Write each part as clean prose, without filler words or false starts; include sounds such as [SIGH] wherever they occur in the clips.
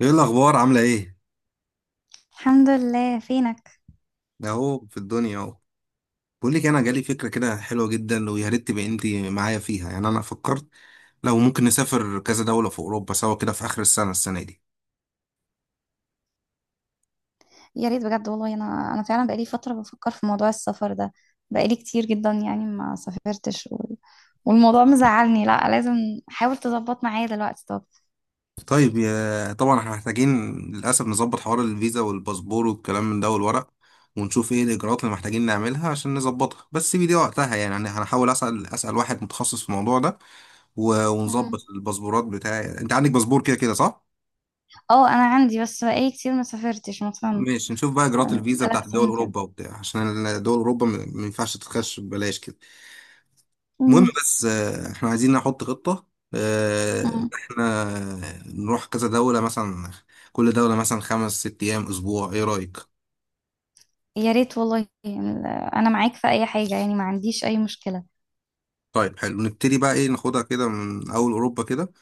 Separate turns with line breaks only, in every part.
ايه الاخبار؟ عامله ايه؟
الحمد لله، فينك؟
ده اهو في الدنيا اهو. بقول لك، انا جالي فكره كده حلوه جدا، ويا ريت تبقي انت معايا فيها. يعني انا فكرت لو ممكن نسافر كذا دوله في اوروبا سوا كده في اخر السنه دي.
يا ريت بجد والله، انا فعلا بقالي فتره بفكر في موضوع السفر ده. بقالي كتير جدا يعني ما سافرتش والموضوع مزعلني. لا لازم حاول تظبط معايا دلوقتي. طب.
طيب، يا طبعا احنا محتاجين للاسف نظبط حوار الفيزا والباسبور والكلام من ده والورق، ونشوف ايه الاجراءات اللي محتاجين نعملها عشان نظبطها. بس سيبي دي وقتها، يعني انا هنحاول اسال واحد متخصص في الموضوع ده. ونظبط
مم.
الباسبورات بتاعي. انت عندك باسبور كده كده، صح؟
اه، انا عندي بس بقالي كتير ما سافرتش مثلا
ماشي، نشوف بقى اجراءات الفيزا بتاعت
ثلاث
دول
سنين كده.
اوروبا وبتاع، عشان دول اوروبا ما ينفعش تخش ببلاش كده. المهم،
مم.
بس احنا عايزين نحط خطة، ان
مم.
احنا نروح كذا دولة مثلا. كل دولة مثلا 5 6 ايام، اسبوع، ايه رأيك؟
يا ريت والله، انا معاك في اي حاجه، يعني ما عنديش اي مشكله.
طيب حلو. نبتدي بقى ايه؟ ناخدها كده من اول اوروبا كده.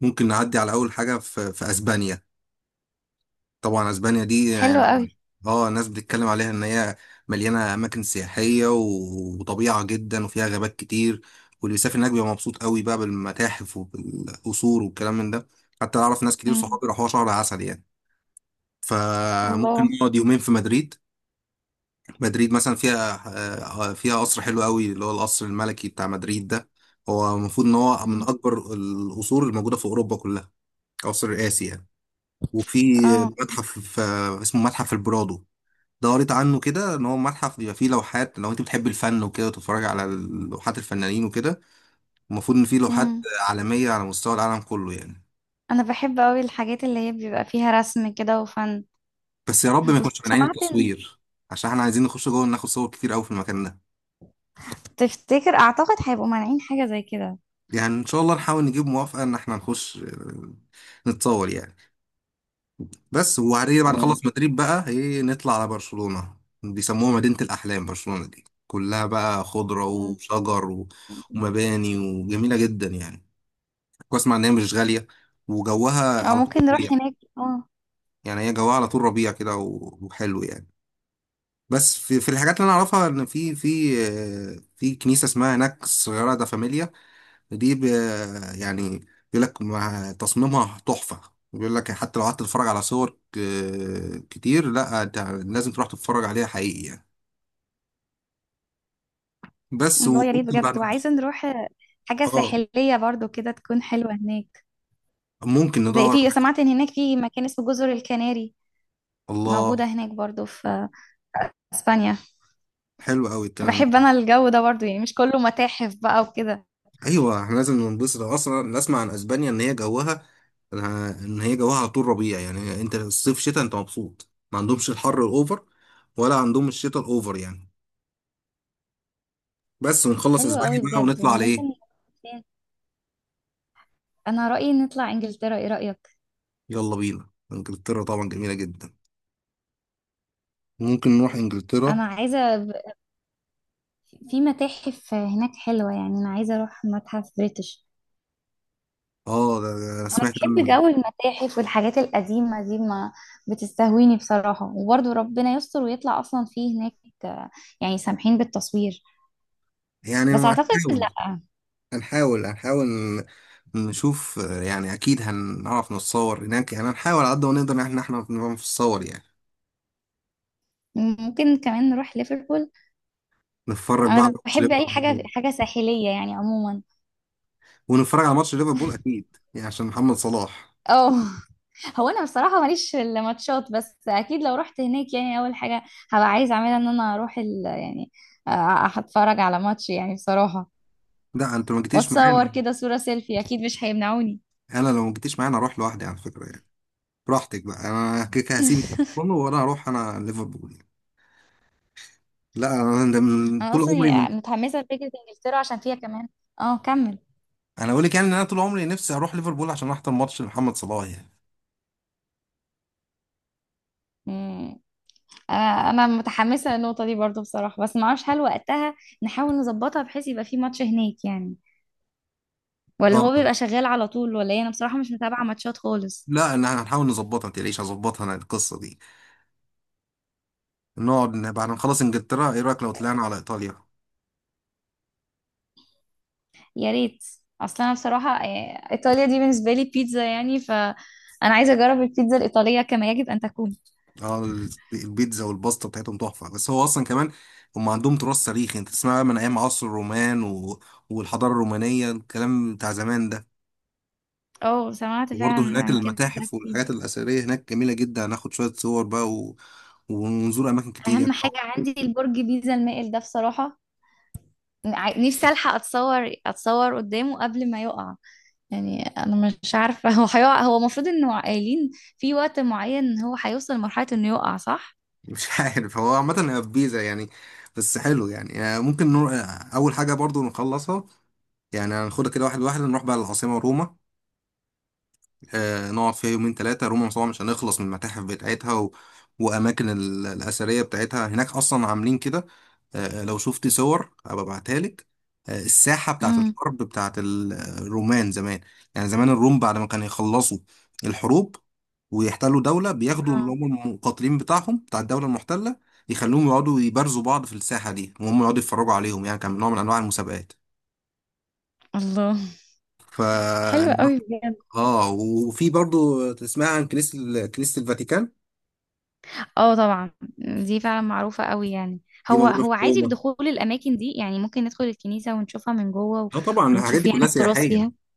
ممكن نعدي على اول حاجة في اسبانيا. طبعا اسبانيا دي
حلو
يعني
قوي.
اه، الناس بتتكلم عليها ان هي مليانه اماكن سياحيه وطبيعه جدا، وفيها غابات كتير. واللي بيسافر هناك بيبقى مبسوط قوي بقى بالمتاحف وبالقصور والكلام من ده. حتى اعرف ناس كتير
مم.
صحابي راحوا شهر عسل يعني. فممكن
الله.
نقعد يومين في مدريد. مدريد مثلا فيها فيها قصر حلو قوي، اللي هو القصر الملكي بتاع مدريد ده. هو المفروض ان هو من
مم.
اكبر القصور الموجوده في اوروبا كلها. قصر رئاسي يعني. وفي
اه.
متحف اسمه متحف البرادو. دورت عنه كده، ان هو متحف بيبقى فيه لوحات. لو انت بتحب الفن وكده وتتفرج على لوحات الفنانين وكده، المفروض ان فيه لوحات
مم.
عالميه على مستوى العالم كله يعني.
انا بحب قوي الحاجات اللي هي بيبقى فيها رسم كده وفن.
بس يا رب ما يكونش من عين
وسمعت ان
التصوير، عشان احنا عايزين نخش جوه ناخد صور كتير قوي في المكان ده.
اعتقد هيبقوا مانعين حاجة زي كده.
يعني ان شاء الله نحاول نجيب موافقه ان احنا نخش نتصور يعني. بس وبعدين بعد ما
مم.
نخلص مدريد بقى ايه، نطلع على برشلونه. بيسموها مدينه الاحلام. برشلونه دي كلها بقى خضره
مم.
وشجر ومباني، وجميله جدا يعني. واسمع ان هي مش غاليه، وجوها
او
على طول
ممكن
ربيع
نروح
مم.
هناك، اه.
يعني هي جوها على طول ربيع كده، وحلو يعني. بس في الحاجات اللي انا اعرفها، ان في كنيسه اسمها هناك الصغيره دا فاميليا. دي يعني بيقول لك مع تصميمها تحفه. بيقول لك حتى لو قعدت تتفرج على صور كتير، لا انت لازم تروح تتفرج عليها حقيقي يعني. بس
الله، يا ريت
وممكن بعد
بجد، وعايزة نروح حاجة
اه
ساحلية برضو كده تكون حلوة هناك.
ممكن
زي،
ندور على
في،
حاجة.
سمعت ان هناك في مكان اسمه جزر الكناري، موجودة
الله.
هناك برضو في اسبانيا.
حلو قوي الكلام
بحب
ده.
انا الجو ده برضو، يعني مش كله متاحف بقى وكده.
ايوه، احنا لازم ننبسط. اصلا نسمع عن اسبانيا ان هي جوها على طول ربيع. يعني انت الصيف شتاء انت مبسوط، ما عندهمش الحر الاوفر ولا عندهم الشتاء الاوفر يعني. بس ونخلص
حلو
اسبانيا
قوي
بقى
بجد.
ونطلع على
وممكن،
ايه؟
انا رأيي نطلع انجلترا، ايه رأيك؟
يلا بينا انجلترا، طبعا جميله جدا. ممكن نروح
انا
انجلترا.
عايزة ب- في متاحف هناك حلوة، يعني انا عايزة اروح متحف بريتش.
اه ده انا
انا
سمعت
بحب
عنه.
جو المتاحف والحاجات القديمه دي، ما بتستهويني بصراحه. وبرضو ربنا يستر ويطلع اصلا فيه هناك، آه، يعني سامحين بالتصوير.
يعني
بس
ما
اعتقد لا.
هنحاول نشوف. يعني اكيد هنعرف نتصور هناك يعني، هنحاول على قد ما نقدر ان احنا نعرف نتصور يعني.
ممكن كمان نروح ليفربول.
نتفرج بقى على
انا
الماتش،
بحب اي حاجه حاجه ساحليه يعني عموما.
ونتفرج على ماتش ليفربول اكيد يعني، عشان محمد صلاح.
اه. هو انا بصراحه ماليش في الماتشات، بس اكيد لو رحت هناك يعني اول حاجه هبقى عايزه اعملها ان انا اروح يعني اتفرج على ماتش يعني بصراحه.
لا، انت لو ما جيتيش
واتصور
معانا
كده صوره سيلفي اكيد مش هيمنعوني.
انا لو ما جيتيش معانا اروح لوحدي على فكره يعني. براحتك بقى، انا كده كده هسيبك
[LAUGHS]
كله، وانا هروح انا ليفربول يعني. لا، انا ده من
انا
طول عمري
اصلا
من.
متحمسه لفكره انجلترا عشان فيها كمان. اه، كمل.
انا اقول لك يعني، ان انا طول عمري نفسي اروح ليفربول عشان احضر ماتش لمحمد صلاح يعني.
مم. انا متحمسه للنقطه دي برضو بصراحه، بس ما اعرفش هل وقتها نحاول نظبطها بحيث يبقى في ماتش هناك يعني، ولا هو
اه.
بيبقى شغال على طول ولا ايه. انا بصراحه مش متابعه ماتشات خالص.
لا، انا هنحاول نظبطها، ما تقلقيش هظبطها انا القصه دي. نقعد بعد ما نخلص انجلترا، ايه رايك لو طلعنا على ايطاليا؟
يا ريت. اصلا انا بصراحه، ايطاليا دي بالنسبه لي بيتزا، يعني انا عايزه اجرب البيتزا الايطاليه كما يجب ان تكون.
اه، البيتزا والباستا بتاعتهم تحفه، بس هو اصلا كمان هم عندهم تراث تاريخي. انت تسمع بقى من ايام عصر الرومان والحضاره الرومانيه الكلام بتاع زمان ده.
اه، سمعت
وبرضه
فعلا
هناك
عن كده.
المتاحف
كتير.
والحاجات الاثريه هناك جميله جدا. هناخد شويه صور بقى. ونزور اماكن كتير
اهم
يعني
حاجه
[LAUGHS]
عندي البرج بيتزا المائل ده بصراحه. نفسي الحق اتصور قدامه قبل ما يقع. يعني انا مش عارفه. [LAUGHS] هو هيقع؟ هو المفروض انه، قايلين في وقت معين هو هيوصل لمرحله انه يقع، صح؟
مش عارف، هو عامه هي في بيزا يعني. بس حلو يعني ممكن نروح. اول حاجه برضه نخلصها. يعني هناخدها كده واحد واحد، نروح بقى للعاصمه روما. نقعد فيها يومين ثلاثة. روما مصر مش هنخلص من المتاحف بتاعتها. وأماكن الأثرية بتاعتها هناك أصلا عاملين كده. لو شفت صور هبقى ابعتها لك. الساحة بتاعت
امم.
الحرب بتاعت الرومان زمان. يعني زمان الروم، بعد ما كانوا يخلصوا الحروب ويحتلوا دولة، بياخدوا اللي
آه.
هم المقاتلين بتاعهم بتاع الدولة المحتلة، يخلوهم يقعدوا يبارزوا بعض في الساحة دي، وهم يقعدوا يتفرجوا عليهم. يعني كان نوع من أنواع المسابقات.
الله.
ف
حلوة قوي بجد.
اه وفي برضو تسمع عن كنيسة كنيسة الفاتيكان.
اه طبعا. دي فعلا معروفة قوي يعني.
دي
هو
موجودة في
هو عادي
روما.
بدخول الأماكن دي، يعني ممكن ندخل الكنيسة ونشوفها من جوه
اه طبعا، الحاجات
ونشوف
دي
يعني
كلها
التراث
سياحية.
فيها.
الحاجات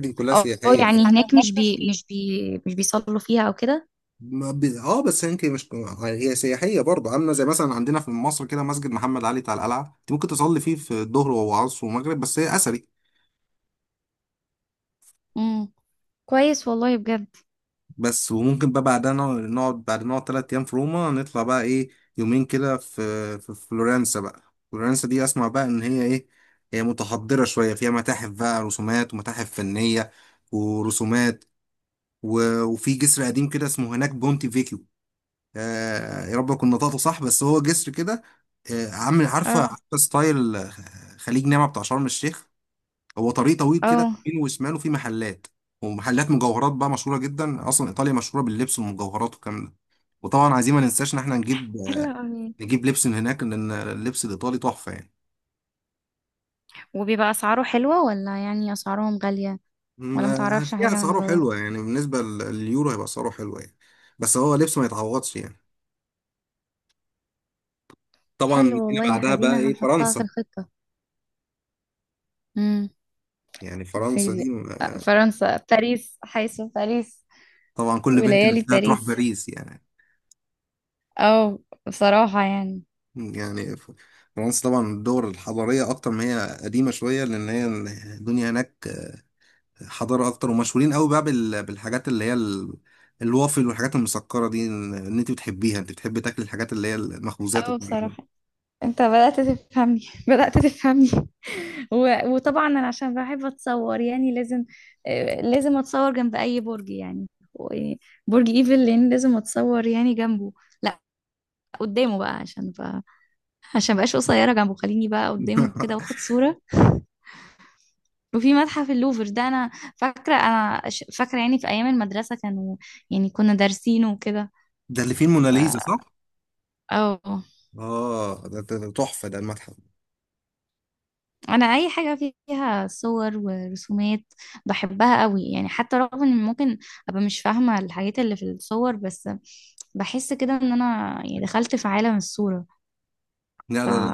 دي كلها
اه،
سياحية، بس
يعني
انا
هناك مش
هناك مش
بي
في.
مش بي مش بيصلوا فيها أو كده.
ما ب... اه بس يمكن مش، هي سياحية برضو. عاملة زي مثلا عندنا في مصر كده، مسجد محمد علي بتاع القلعة، انت ممكن تصلي فيه في الظهر وعصر ومغرب، بس هي أثري.
امم. كويس والله بجد.
بس وممكن بقى بعدها بعد ما نقعد 3 أيام في روما، نطلع بقى إيه، يومين كده في فلورنسا بقى. فلورنسا دي أسمع بقى إن هي إيه، هي متحضرة شوية، فيها متاحف بقى، رسومات ومتاحف فنية ورسومات، وفي جسر قديم كده اسمه هناك بونتي فيكيو. آه يا رب أكون نطقته صح. بس هو جسر كده آه، عامل عارفة
اه.
عارفة ستايل، خليج نعمة بتاع شرم الشيخ. هو طريق طويل كده
اه.
يمين وشماله في محلات، ومحلات مجوهرات بقى مشهوره جدا. اصلا ايطاليا مشهوره باللبس والمجوهرات والكلام ده. وطبعا عايزين ما ننساش ان احنا نجيب
حلو قوي.
نجيب لبس من هناك، لان اللبس الايطالي تحفه يعني.
وبيبقى اسعاره حلوة ولا يعني اسعارهم غالية؟ ولا متعرفش
فيها
حاجة عن
اسعاره
الموضوع ده.
حلوه يعني، بالنسبه لليورو هيبقى اسعاره حلوه يعني. بس هو لبس ما يتعوضش يعني. طبعا
حلو
هنا
والله يا
بعدها بقى
حدينا،
ايه،
هنحطها في
فرنسا.
الخطة. امم.
يعني فرنسا دي،
سيدي. فرنسا، باريس، حيث باريس.
طبعا كل بنت
وليالي
نفسها تروح
باريس.
باريس يعني.
او بصراحة يعني.
يعني فرنسا طبعا الدول الحضاريه اكتر، ما هي قديمه شويه، لان هي الدنيا هناك حضارة أكتر. ومشهورين قوي بقى بالحاجات اللي هي الوافل والحاجات المسكرة دي. إن أنت بتحبيها، أنت بتحبي تاكلي الحاجات اللي هي المخبوزات
او
والكلام
بصراحة، انت بدأت تفهمني. [LAUGHS] بدأت تفهمني. [LAUGHS] وطبعا انا عشان بحب اتصور يعني لازم اتصور جنب اي برج يعني، برج ايفل، لان لازم اتصور يعني جنبه. لا، قدامه بقى، عشان مبقاش قصيره جنبه، خليني بقى
ده
قدامه كده
[LAUGHS]
واخد صوره. وفي متحف اللوفر ده، انا فاكره يعني في ايام المدرسه كانوا، يعني كنا دارسينه وكده.
ده اللي فيه الموناليزا
ف
صح؟
اه.
آه ده تحفة ده المتحف.
انا اي حاجه فيها صور ورسومات بحبها قوي يعني، حتى رغم ان ممكن ابقى مش فاهمه الحاجات اللي في الصور، بس بحس كده ان انا يعني دخلت في عالم الصوره.
لا
ف
لا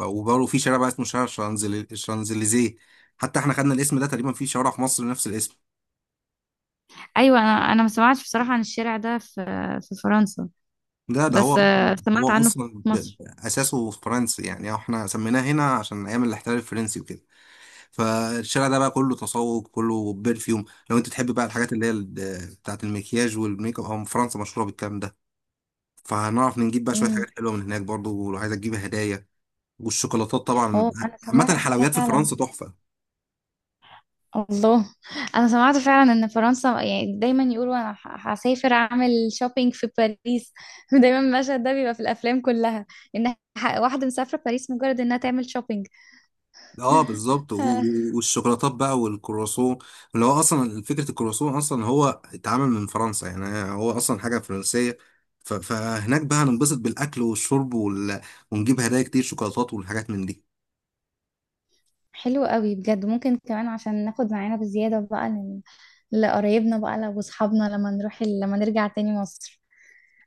لا، وبرضه في شارع بقى اسمه شارع شانزليزيه. حتى احنا خدنا الاسم ده تقريبا في شوارع في مصر نفس الاسم.
ايوه، انا ما سمعتش بصراحه عن الشارع ده في فرنسا.
ده هو
بس سمعت
هو
عنه في
اصلا
مصر.
اساسه فرنسي يعني. احنا سميناه هنا عشان ايام الاحتلال الفرنسي وكده. فالشارع ده بقى كله تسوق، كله برفيوم. لو انت تحب بقى الحاجات اللي هي بتاعة المكياج والميك اب، هم فرنسا مشهورة بالكلام ده. فهنعرف نجيب بقى شوية حاجات حلوة من هناك برضو، لو عايزة تجيب هدايا. والشوكولاتات طبعا.
هو انا
عامة
سمعت
الحلويات في
فعلا.
فرنسا تحفة.
الله. انا سمعت فعلا ان فرنسا، يعني دايما يقولوا انا هسافر اعمل شوبينج في باريس. [LAUGHS] دايما المشهد ده بيبقى في الافلام كلها، ان واحده مسافره باريس مجرد انها تعمل شوبينج.
اه بالظبط،
آه،
والشوكولاتات بقى والكرواسون، اللي هو اصلا فكرة الكرواسون اصلا هو اتعمل من فرنسا يعني. هو اصلا حاجة فرنسية. فهناك بقى هننبسط بالاكل والشرب. ونجيب هدايا كتير، شوكولاتات والحاجات من دي.
حلو قوي بجد. ممكن كمان عشان ناخد معانا بزياده بقى لقرايبنا بقى لو اصحابنا، لما نرجع تاني مصر.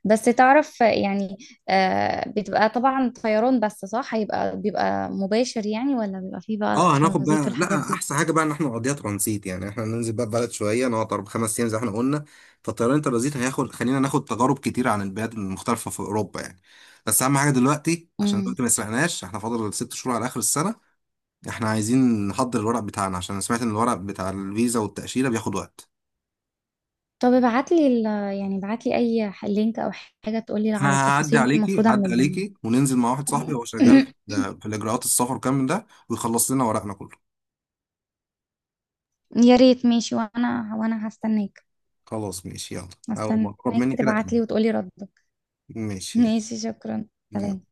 بس تعرف يعني. آه، بتبقى طبعا طيران، بس صح هيبقى بيبقى مباشر يعني، ولا بيبقى فيه بقى
اه هناخد
ترانزيت
بقى،
والحاجات
لا
دي؟
احسن حاجه بقى ان احنا نقضيها ترانزيت. يعني احنا ننزل بقى بلد شويه، نقعد 4 5 ايام زي ما احنا قلنا. فالطيران الترانزيت هياخد، خلينا ناخد تجارب كتير عن البلاد المختلفه في اوروبا يعني. بس اهم حاجه دلوقتي، عشان
امم.
دلوقتي ما سرقناش، احنا فاضل 6 شهور على اخر السنه. احنا عايزين نحضر الورق بتاعنا عشان أنا سمعت ان الورق بتاع الفيزا والتاشيره بياخد وقت.
طب ابعت لي يعني ابعت لي اي لينك او حاجه تقول لي على
انا هعدي
التفاصيل
عليكي
المفروض
هعدي
اعملها.
عليكي وننزل مع واحد صاحبي، هو شغال
[COUGHS]
في الاجراءات السفر كامل ده، ويخلص لنا ورقنا كله.
يا ريت ماشي، وانا هستناك.
خلاص ماشي يلا. اول ما اقرب
هستناك
مني كده كده.
تبعت لي وتقولي ردك. [LAUGHS]
ماشي
ماشي، شكرا. سلام.
يلا.